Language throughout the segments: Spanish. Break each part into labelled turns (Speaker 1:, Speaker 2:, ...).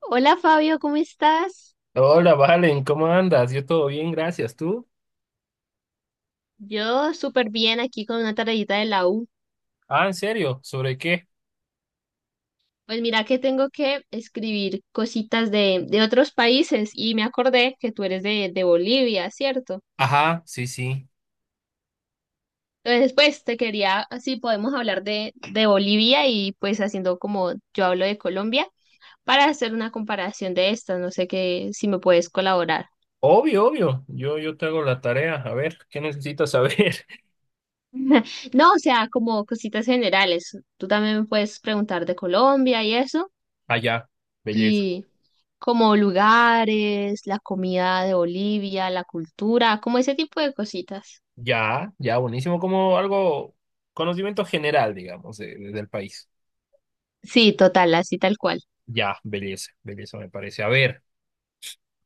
Speaker 1: Hola Fabio, ¿cómo estás?
Speaker 2: Hola, Valen, ¿cómo andas? Yo todo bien, gracias. ¿Tú?
Speaker 1: Yo súper bien aquí con una tareita de la U.
Speaker 2: Ah, ¿en serio? ¿Sobre qué?
Speaker 1: Pues mira que tengo que escribir cositas de otros países y me acordé que tú eres de Bolivia, ¿cierto?
Speaker 2: Ajá, sí, sí.
Speaker 1: Entonces, pues te quería, así podemos hablar de Bolivia y pues haciendo como yo hablo de Colombia para hacer una comparación de estas. No sé qué, si me puedes colaborar.
Speaker 2: Obvio, obvio. Yo te hago la tarea. A ver, ¿qué necesitas saber?
Speaker 1: No, o sea, como cositas generales. Tú también me puedes preguntar de Colombia y eso.
Speaker 2: Allá, belleza.
Speaker 1: Y como lugares, la comida de Bolivia, la cultura, como ese tipo de cositas.
Speaker 2: Ya, ya, buenísimo. Como algo, conocimiento general, digamos, del país.
Speaker 1: Sí, total, así tal cual.
Speaker 2: Ya, belleza, belleza me parece. A ver,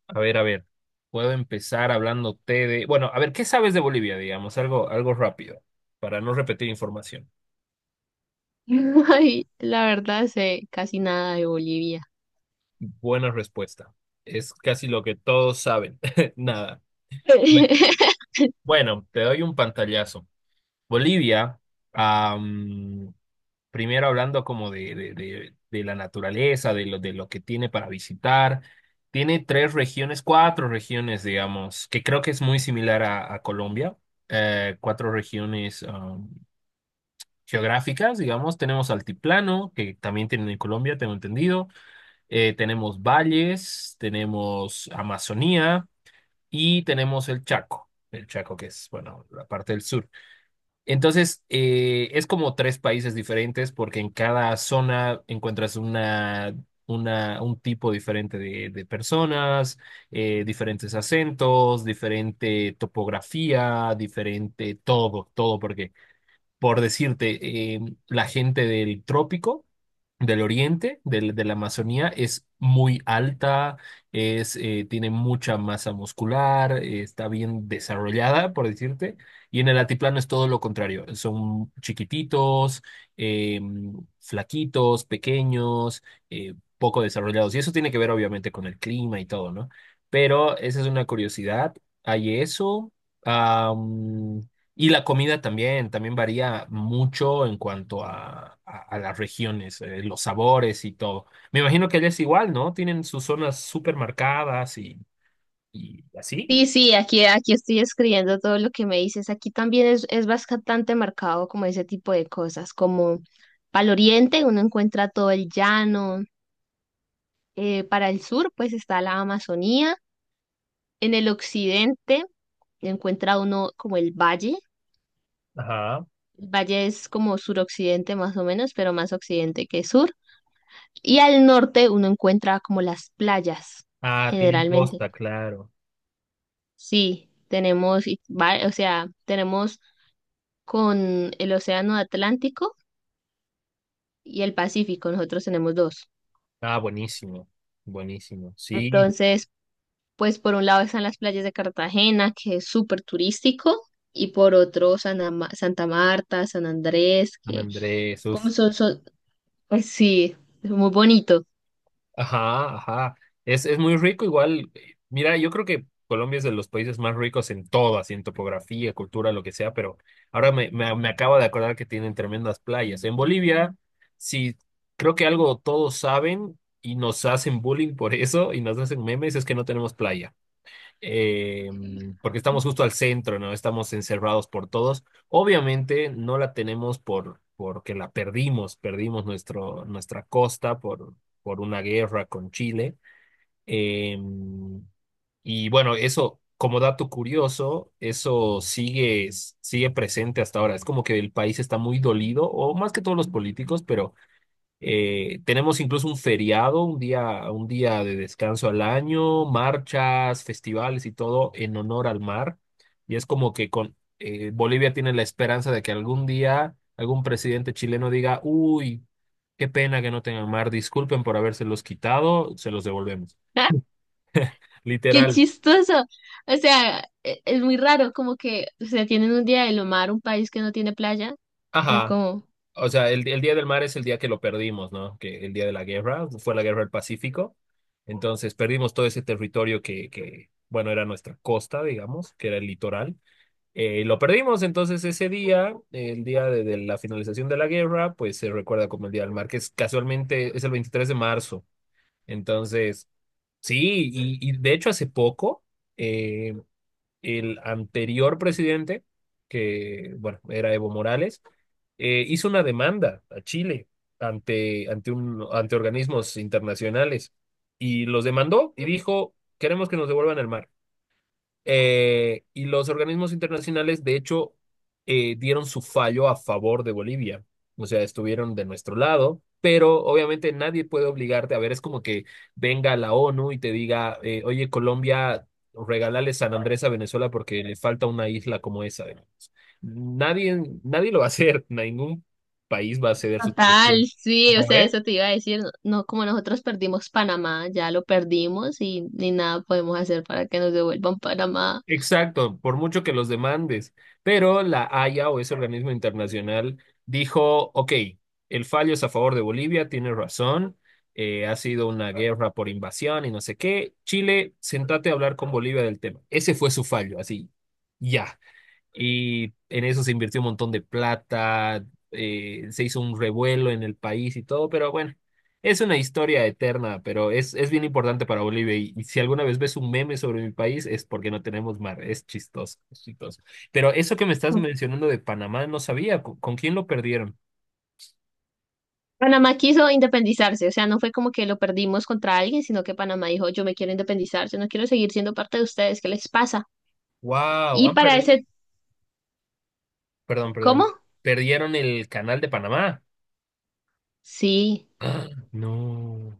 Speaker 2: a ver. Puedo empezar hablándote de... Bueno, a ver, ¿qué sabes de Bolivia, digamos? Algo, algo rápido, para no repetir información.
Speaker 1: Ay, la verdad sé casi nada de Bolivia.
Speaker 2: Buena respuesta. Es casi lo que todos saben. Nada. Bueno, te doy un pantallazo. Bolivia, am, primero hablando como de la naturaleza, de lo que tiene para visitar, tiene tres regiones, cuatro regiones, digamos, que creo que es muy similar a Colombia. Cuatro regiones geográficas, digamos. Tenemos altiplano, que también tienen en Colombia, tengo entendido. Tenemos valles, tenemos Amazonía y tenemos el Chaco. El Chaco, que es, bueno, la parte del sur. Entonces, es como tres países diferentes porque en cada zona encuentras un tipo diferente de personas, diferentes acentos, diferente topografía, diferente todo, todo, porque por decirte, la gente del trópico, del oriente, de la Amazonía, es muy alta, tiene mucha masa muscular, está bien desarrollada, por decirte, y en el altiplano es todo lo contrario, son chiquititos, eh, flaquitos, pequeños, poco desarrollados, y eso tiene que ver obviamente con el clima y todo, ¿no? Pero esa es una curiosidad, hay eso. Y la comida también, varía mucho en cuanto a las regiones, los sabores y todo. Me imagino que allá es igual, ¿no? Tienen sus zonas súper marcadas y, así.
Speaker 1: Sí, sí, aquí estoy escribiendo todo lo que me dices. Aquí también es bastante marcado como ese tipo de cosas, como para el oriente uno encuentra todo el llano, para el sur pues está la Amazonía, en el occidente encuentra uno como el valle.
Speaker 2: Ajá.
Speaker 1: El valle es como suroccidente más o menos, pero más occidente que sur. Y al norte uno encuentra como las playas,
Speaker 2: Ah, tienen
Speaker 1: generalmente.
Speaker 2: costa, claro.
Speaker 1: Sí, tenemos, y o sea, tenemos con el Océano Atlántico y el Pacífico, nosotros tenemos dos.
Speaker 2: Ah, buenísimo, buenísimo. Sí,
Speaker 1: Entonces, pues por un lado están las playas de Cartagena, que es súper turístico, y por otro Santa Marta, San Andrés,
Speaker 2: San
Speaker 1: que
Speaker 2: Andrés, uf.
Speaker 1: como son, pues sí, es muy bonito.
Speaker 2: Ajá, ajá. Es muy rico igual. Mira, yo creo que Colombia es de los países más ricos en todo, así en topografía, cultura, lo que sea, pero ahora me acabo de acordar que tienen tremendas playas. En Bolivia, sí, creo que algo todos saben y nos hacen bullying por eso y nos hacen memes, es que no tenemos playa eh, porque estamos justo al centro, ¿no? Estamos encerrados por todos. Obviamente no la tenemos por, porque la perdimos, perdimos nuestro, nuestra costa por, una guerra con Chile. Eh, y bueno, eso, como dato curioso, eso sigue presente hasta ahora. Es como que el país está muy dolido, o más que todos los políticos, pero tenemos incluso un feriado, un día de descanso al año, marchas, festivales y todo en honor al mar. Y es como que con Bolivia tiene la esperanza de que algún día algún presidente chileno diga, uy, qué pena que no tengan mar, disculpen por habérselos quitado, se los devolvemos.
Speaker 1: Qué
Speaker 2: Literal.
Speaker 1: chistoso. O sea, es muy raro, como que, o sea, tienen un día de lo mar, un país que no tiene playa. Es
Speaker 2: Ajá.
Speaker 1: como,
Speaker 2: O sea, el Día del Mar es el día que lo perdimos, ¿no? Que el día de la guerra, fue la guerra del Pacífico. Entonces perdimos todo ese territorio que, bueno, era nuestra costa, digamos, que era el litoral. Lo perdimos, entonces ese día, el día de la finalización de la guerra, pues se recuerda como el Día del Mar, que es casualmente es el 23 de marzo. Entonces, sí, y, de hecho hace poco, eh, el anterior presidente, que bueno, era Evo Morales, hizo una demanda a Chile ante organismos internacionales y los demandó y dijo, queremos que nos devuelvan el mar. Y los organismos internacionales, de hecho, dieron su fallo a favor de Bolivia. O sea, estuvieron de nuestro lado, pero obviamente nadie puede obligarte. A ver, es como que venga la ONU y te diga, oye, Colombia, regálale San Andrés a Venezuela porque le falta una isla como esa. Digamos. Nadie, nadie lo va a hacer, ningún país va a ceder su
Speaker 1: total,
Speaker 2: territorio.
Speaker 1: sí, o sea, eso te iba a decir. No, como nosotros perdimos Panamá, ya lo perdimos y ni nada podemos hacer para que nos devuelvan Panamá.
Speaker 2: Exacto, por mucho que los demandes, pero la Haya o ese organismo internacional dijo, ok, el fallo es a favor de Bolivia, tiene razón, ha sido una guerra por invasión y no sé qué, Chile, sentate a hablar con Bolivia del tema. Ese fue su fallo, así, ya. Y en eso se invirtió un montón de plata, se hizo un revuelo en el país y todo, pero bueno, es una historia eterna, pero es bien importante para Bolivia. Y si alguna vez ves un meme sobre mi país, es porque no tenemos mar, es chistoso, es chistoso. Pero eso que me estás mencionando de Panamá, no sabía, ¿con quién lo perdieron?
Speaker 1: Panamá quiso independizarse, o sea, no fue como que lo perdimos contra alguien, sino que Panamá dijo, yo me quiero independizar, yo no quiero seguir siendo parte de ustedes, ¿qué les pasa?
Speaker 2: Wow,
Speaker 1: Y
Speaker 2: han
Speaker 1: para
Speaker 2: perdido,
Speaker 1: ese,
Speaker 2: perdón,
Speaker 1: ¿cómo?
Speaker 2: perdón, perdieron el canal de Panamá.
Speaker 1: Sí.
Speaker 2: Ah, no,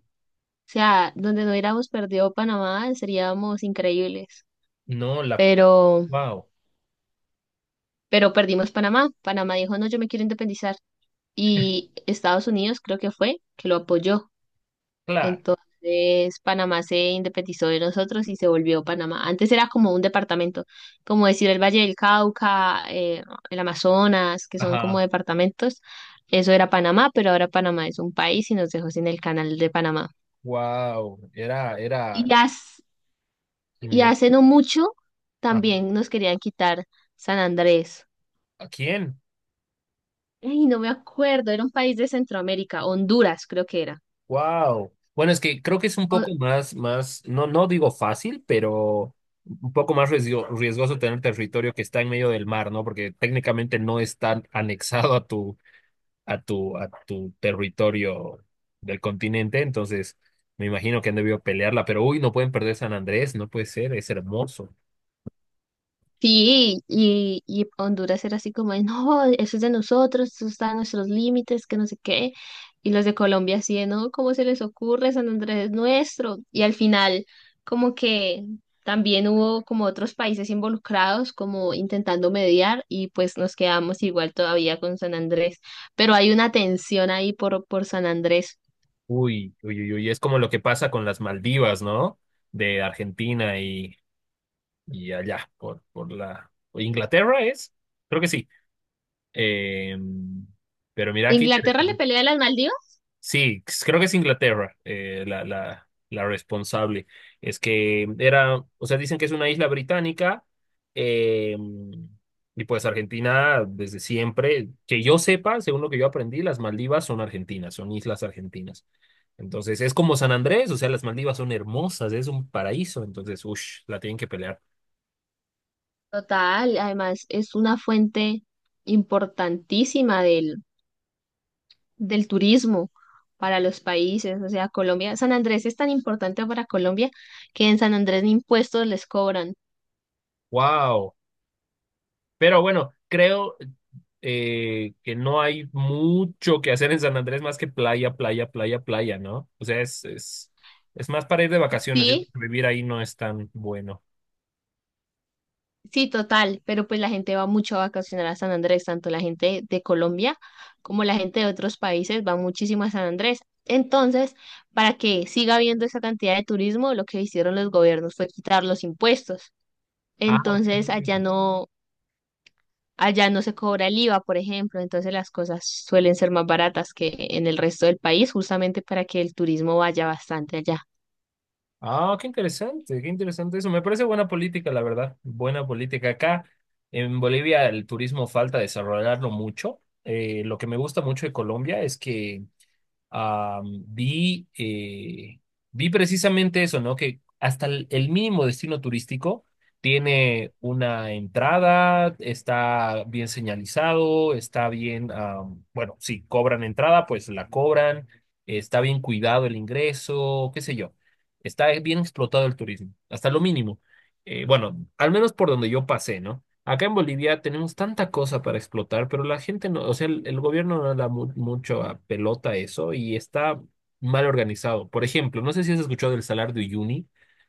Speaker 1: O sea, donde no hubiéramos perdido Panamá, seríamos increíbles.
Speaker 2: no,
Speaker 1: Pero,
Speaker 2: wow,
Speaker 1: pero perdimos Panamá. Panamá dijo, no, yo me quiero independizar. Y Estados Unidos creo que fue que lo apoyó.
Speaker 2: claro,
Speaker 1: Entonces, Panamá se independizó de nosotros y se volvió Panamá. Antes era como un departamento, como decir el Valle del Cauca, el Amazonas, que son como
Speaker 2: ajá,
Speaker 1: departamentos. Eso era Panamá, pero ahora Panamá es un país y nos dejó sin el canal de Panamá.
Speaker 2: wow, era,
Speaker 1: Y
Speaker 2: era.
Speaker 1: ya. Y
Speaker 2: Me-
Speaker 1: hace no mucho
Speaker 2: ah,
Speaker 1: también nos querían quitar San Andrés.
Speaker 2: ¿a quién?
Speaker 1: Ay, no me acuerdo, era un país de Centroamérica, Honduras creo que era.
Speaker 2: Wow. Bueno, es que creo que es un poco más, más, no, no digo fácil, pero un poco más riesgoso tener territorio que está en medio del mar, ¿no? Porque técnicamente no está anexado a tu, a tu territorio del continente, entonces me imagino que han debido pelearla, pero uy, no pueden perder San Andrés, no puede ser, es hermoso.
Speaker 1: Sí, y Honduras era así como, de, no, eso es de nosotros, eso está en nuestros límites, que no sé qué. Y los de Colombia así, de, no, ¿cómo se les ocurre? San Andrés es nuestro. Y al final, como que también hubo como otros países involucrados, como intentando mediar, y pues nos quedamos igual todavía con San Andrés. Pero hay una tensión ahí por San Andrés.
Speaker 2: Uy, uy, uy, uy, es como lo que pasa con las Maldivas, ¿no? De Argentina y allá, por, la... Inglaterra es, creo que sí. Eh, pero mira qué
Speaker 1: ¿Inglaterra le
Speaker 2: interesante.
Speaker 1: pelea a las Maldivas?
Speaker 2: Sí, creo que es Inglaterra la responsable. Es que era, o sea, dicen que es una isla británica eh, y pues Argentina desde siempre, que yo sepa, según lo que yo aprendí, las Maldivas son argentinas, son islas argentinas. Entonces es como San Andrés, o sea, las Maldivas son hermosas, es un paraíso, entonces, uff, la tienen que pelear.
Speaker 1: Total, además es una fuente importantísima del turismo para los países. O sea, Colombia, San Andrés es tan importante para Colombia que en San Andrés ni impuestos les cobran.
Speaker 2: ¡Wow! Pero bueno, creo que no hay mucho que hacer en San Andrés más que playa, playa, playa, playa, ¿no? O sea, es más para ir de vacaciones. Yo creo
Speaker 1: Sí,
Speaker 2: que vivir ahí no es tan bueno.
Speaker 1: sí, total, pero pues la gente va mucho a vacacionar a San Andrés, tanto la gente de Colombia como la gente de otros países va muchísimo a San Andrés. Entonces, para que siga habiendo esa cantidad de turismo, lo que hicieron los gobiernos fue quitar los impuestos.
Speaker 2: Ah, ok.
Speaker 1: Entonces, allá no, allá no se cobra el IVA, por ejemplo, entonces las cosas suelen ser más baratas que en el resto del país, justamente para que el turismo vaya bastante allá.
Speaker 2: Ah, qué interesante eso. Me parece buena política, la verdad. Buena política. Acá en Bolivia el turismo falta desarrollarlo mucho. Lo que me gusta mucho de Colombia es que Am, vi, eh, vi precisamente eso, ¿no? Que hasta el mínimo destino turístico tiene una entrada, está bien señalizado, está bien, bueno, si cobran entrada, pues la cobran, está bien cuidado el ingreso, qué sé yo. Está bien explotado el turismo, hasta lo mínimo. Bueno, al menos por donde yo pasé, ¿no? Acá en Bolivia tenemos tanta cosa para explotar, pero la gente no, o sea, el gobierno no le da mucho a pelota a eso y está mal organizado. Por ejemplo, no sé si has escuchado el Salar de Uyuni,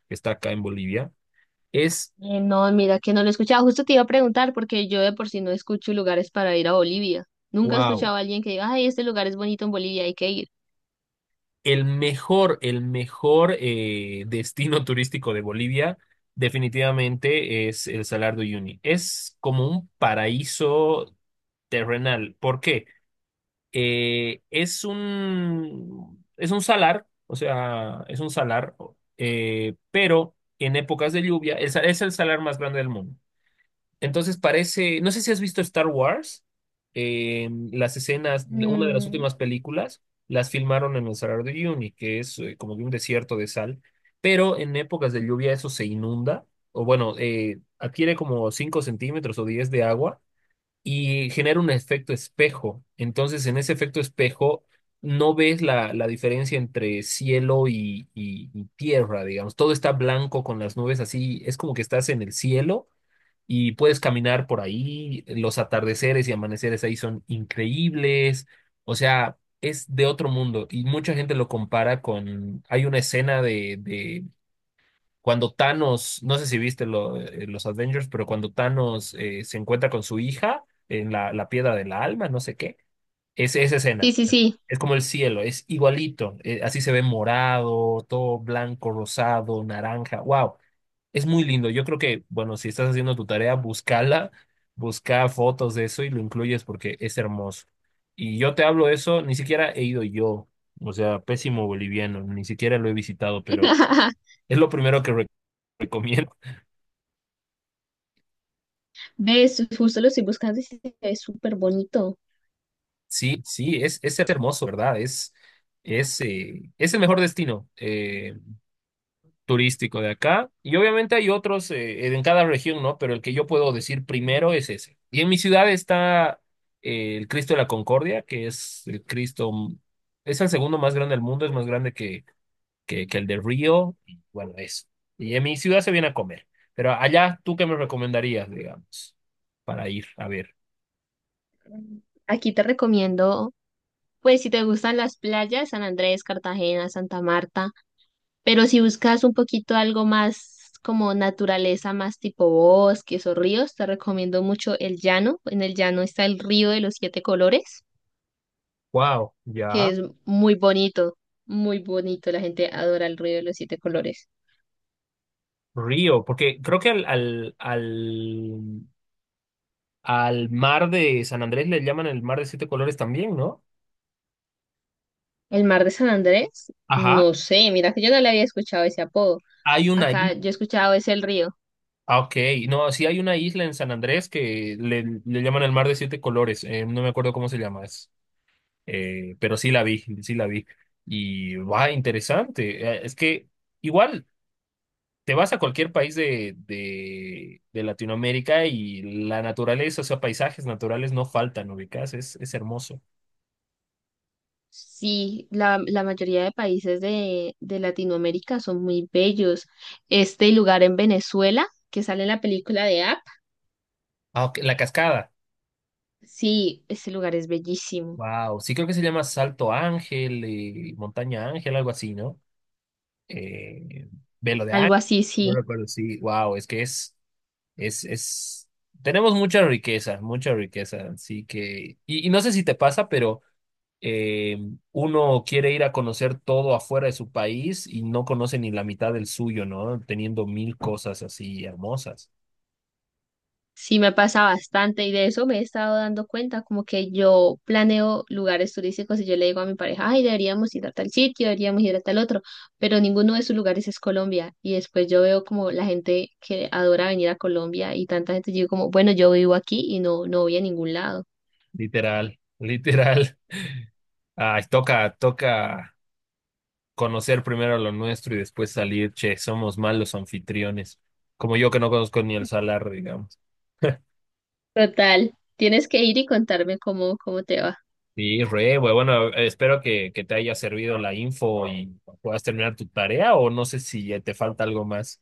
Speaker 2: que está acá en Bolivia. Es,
Speaker 1: No, mira que no lo he escuchado. Justo te iba a preguntar porque yo de por sí no escucho lugares para ir a Bolivia. Nunca he
Speaker 2: wow,
Speaker 1: escuchado a alguien que diga, ay, este lugar es bonito en Bolivia, hay que ir.
Speaker 2: el mejor destino turístico de Bolivia definitivamente es el Salar de Uyuni. Es como un paraíso terrenal. ¿Por qué? Es un salar, o sea, es un salar, pero en épocas de lluvia es el salar más grande del mundo. Entonces parece, no sé si has visto Star Wars, las escenas, una de las
Speaker 1: Mm,
Speaker 2: últimas películas, las filmaron en el Salar de Uyuni, que es como de un desierto de sal, pero en épocas de lluvia eso se inunda, o bueno, adquiere como 5 centímetros o 10 de agua y genera un efecto espejo. Entonces, en ese efecto espejo no ves la diferencia entre cielo y, y tierra, digamos. Todo está blanco con las nubes así, es como que estás en el cielo y puedes caminar por ahí. Los atardeceres y amaneceres ahí son increíbles. O sea, es de otro mundo y mucha gente lo compara con, hay una escena de, cuando Thanos, no sé si viste los Avengers, pero cuando Thanos se encuentra con su hija en la piedra del alma, no sé qué, es esa
Speaker 1: sí,
Speaker 2: escena.
Speaker 1: sí, sí.
Speaker 2: Es como el cielo, es igualito. Así se ve morado, todo blanco, rosado, naranja. Wow, es muy lindo. Yo creo que, bueno, si estás haciendo tu tarea, búscala, busca fotos de eso y lo incluyes porque es hermoso. Y yo te hablo eso, ni siquiera he ido yo, o sea, pésimo boliviano, ni siquiera lo he visitado, pero es lo primero que recomiendo.
Speaker 1: ¿Ves? Justo lo estoy buscando y se ve súper bonito.
Speaker 2: Sí, sí, es hermoso, ¿verdad? Es el mejor destino turístico de acá. Y obviamente hay otros en cada región, ¿no? Pero el que yo puedo decir primero es ese. Y en mi ciudad está el Cristo de la Concordia, que es el Cristo, es el segundo más grande del mundo, es más grande que, que el de Río. Y bueno, eso. Y en mi ciudad se viene a comer. Pero allá, ¿tú qué me recomendarías, digamos, para ir a ver?
Speaker 1: Aquí te recomiendo, pues si te gustan las playas, San Andrés, Cartagena, Santa Marta. Pero si buscas un poquito algo más como naturaleza, más tipo bosques o ríos, te recomiendo mucho el llano. En el llano está el río de los siete colores,
Speaker 2: Wow,
Speaker 1: que
Speaker 2: ya.
Speaker 1: es muy bonito, muy bonito. La gente adora el río de los siete colores.
Speaker 2: Río, porque creo que al mar de San Andrés le llaman el mar de siete colores también, ¿no?
Speaker 1: El mar de San Andrés,
Speaker 2: Ajá,
Speaker 1: no sé, mira que yo no le había escuchado ese apodo.
Speaker 2: hay una
Speaker 1: Acá
Speaker 2: isla.
Speaker 1: yo he escuchado es el río.
Speaker 2: Ah, ok. No, sí hay una isla en San Andrés que le llaman el mar de siete colores. No me acuerdo cómo se llama. Pero sí la vi, sí la vi. Y va, interesante. Es que igual te vas a cualquier país de Latinoamérica y la naturaleza, o sea, paisajes naturales no faltan, ubicás, es hermoso.
Speaker 1: Sí, la mayoría de países de Latinoamérica son muy bellos. Este lugar en Venezuela, que sale en la película de Up,
Speaker 2: Ah, ok, la cascada.
Speaker 1: sí, ese lugar es bellísimo.
Speaker 2: Wow, sí creo que se llama Salto Ángel y Montaña Ángel, algo así, ¿no? Eh, Velo de
Speaker 1: Algo
Speaker 2: Ángel,
Speaker 1: así,
Speaker 2: no
Speaker 1: sí.
Speaker 2: recuerdo, sí, wow, es que es, es, es, tenemos mucha riqueza, así que, y, no sé si te pasa, pero eh, uno quiere ir a conocer todo afuera de su país y no conoce ni la mitad del suyo, ¿no? Teniendo mil cosas así hermosas,
Speaker 1: Sí, me pasa bastante y de eso me he estado dando cuenta, como que yo planeo lugares turísticos y yo le digo a mi pareja, ay, deberíamos ir a tal sitio, deberíamos ir a tal otro, pero ninguno de esos lugares es Colombia. Y después yo veo como la gente que adora venir a Colombia y tanta gente, yo digo como, bueno, yo vivo aquí y no, no voy a ningún lado.
Speaker 2: literal, literal. Ay, toca, toca. Conocer primero lo nuestro y después salir, che, somos malos anfitriones. Como yo que no conozco ni el salar, digamos.
Speaker 1: Total, tienes que ir y contarme cómo, cómo te va.
Speaker 2: Sí, re, güey. Bueno, espero que, te haya servido la info y puedas terminar tu tarea o no sé si ya te falta algo más.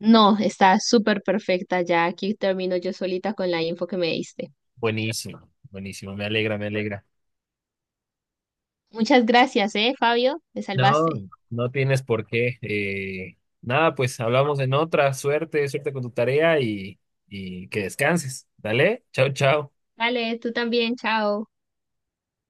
Speaker 1: No, está súper perfecta, ya aquí termino yo solita con la info que me diste.
Speaker 2: Buenísimo, buenísimo. Me alegra, me alegra.
Speaker 1: Muchas gracias, Fabio, te
Speaker 2: No,
Speaker 1: salvaste.
Speaker 2: no tienes por qué. Nada, pues hablamos en otra. Suerte, suerte con tu tarea y, que descanses. Dale, chao, chao.
Speaker 1: Vale, tú también, chao.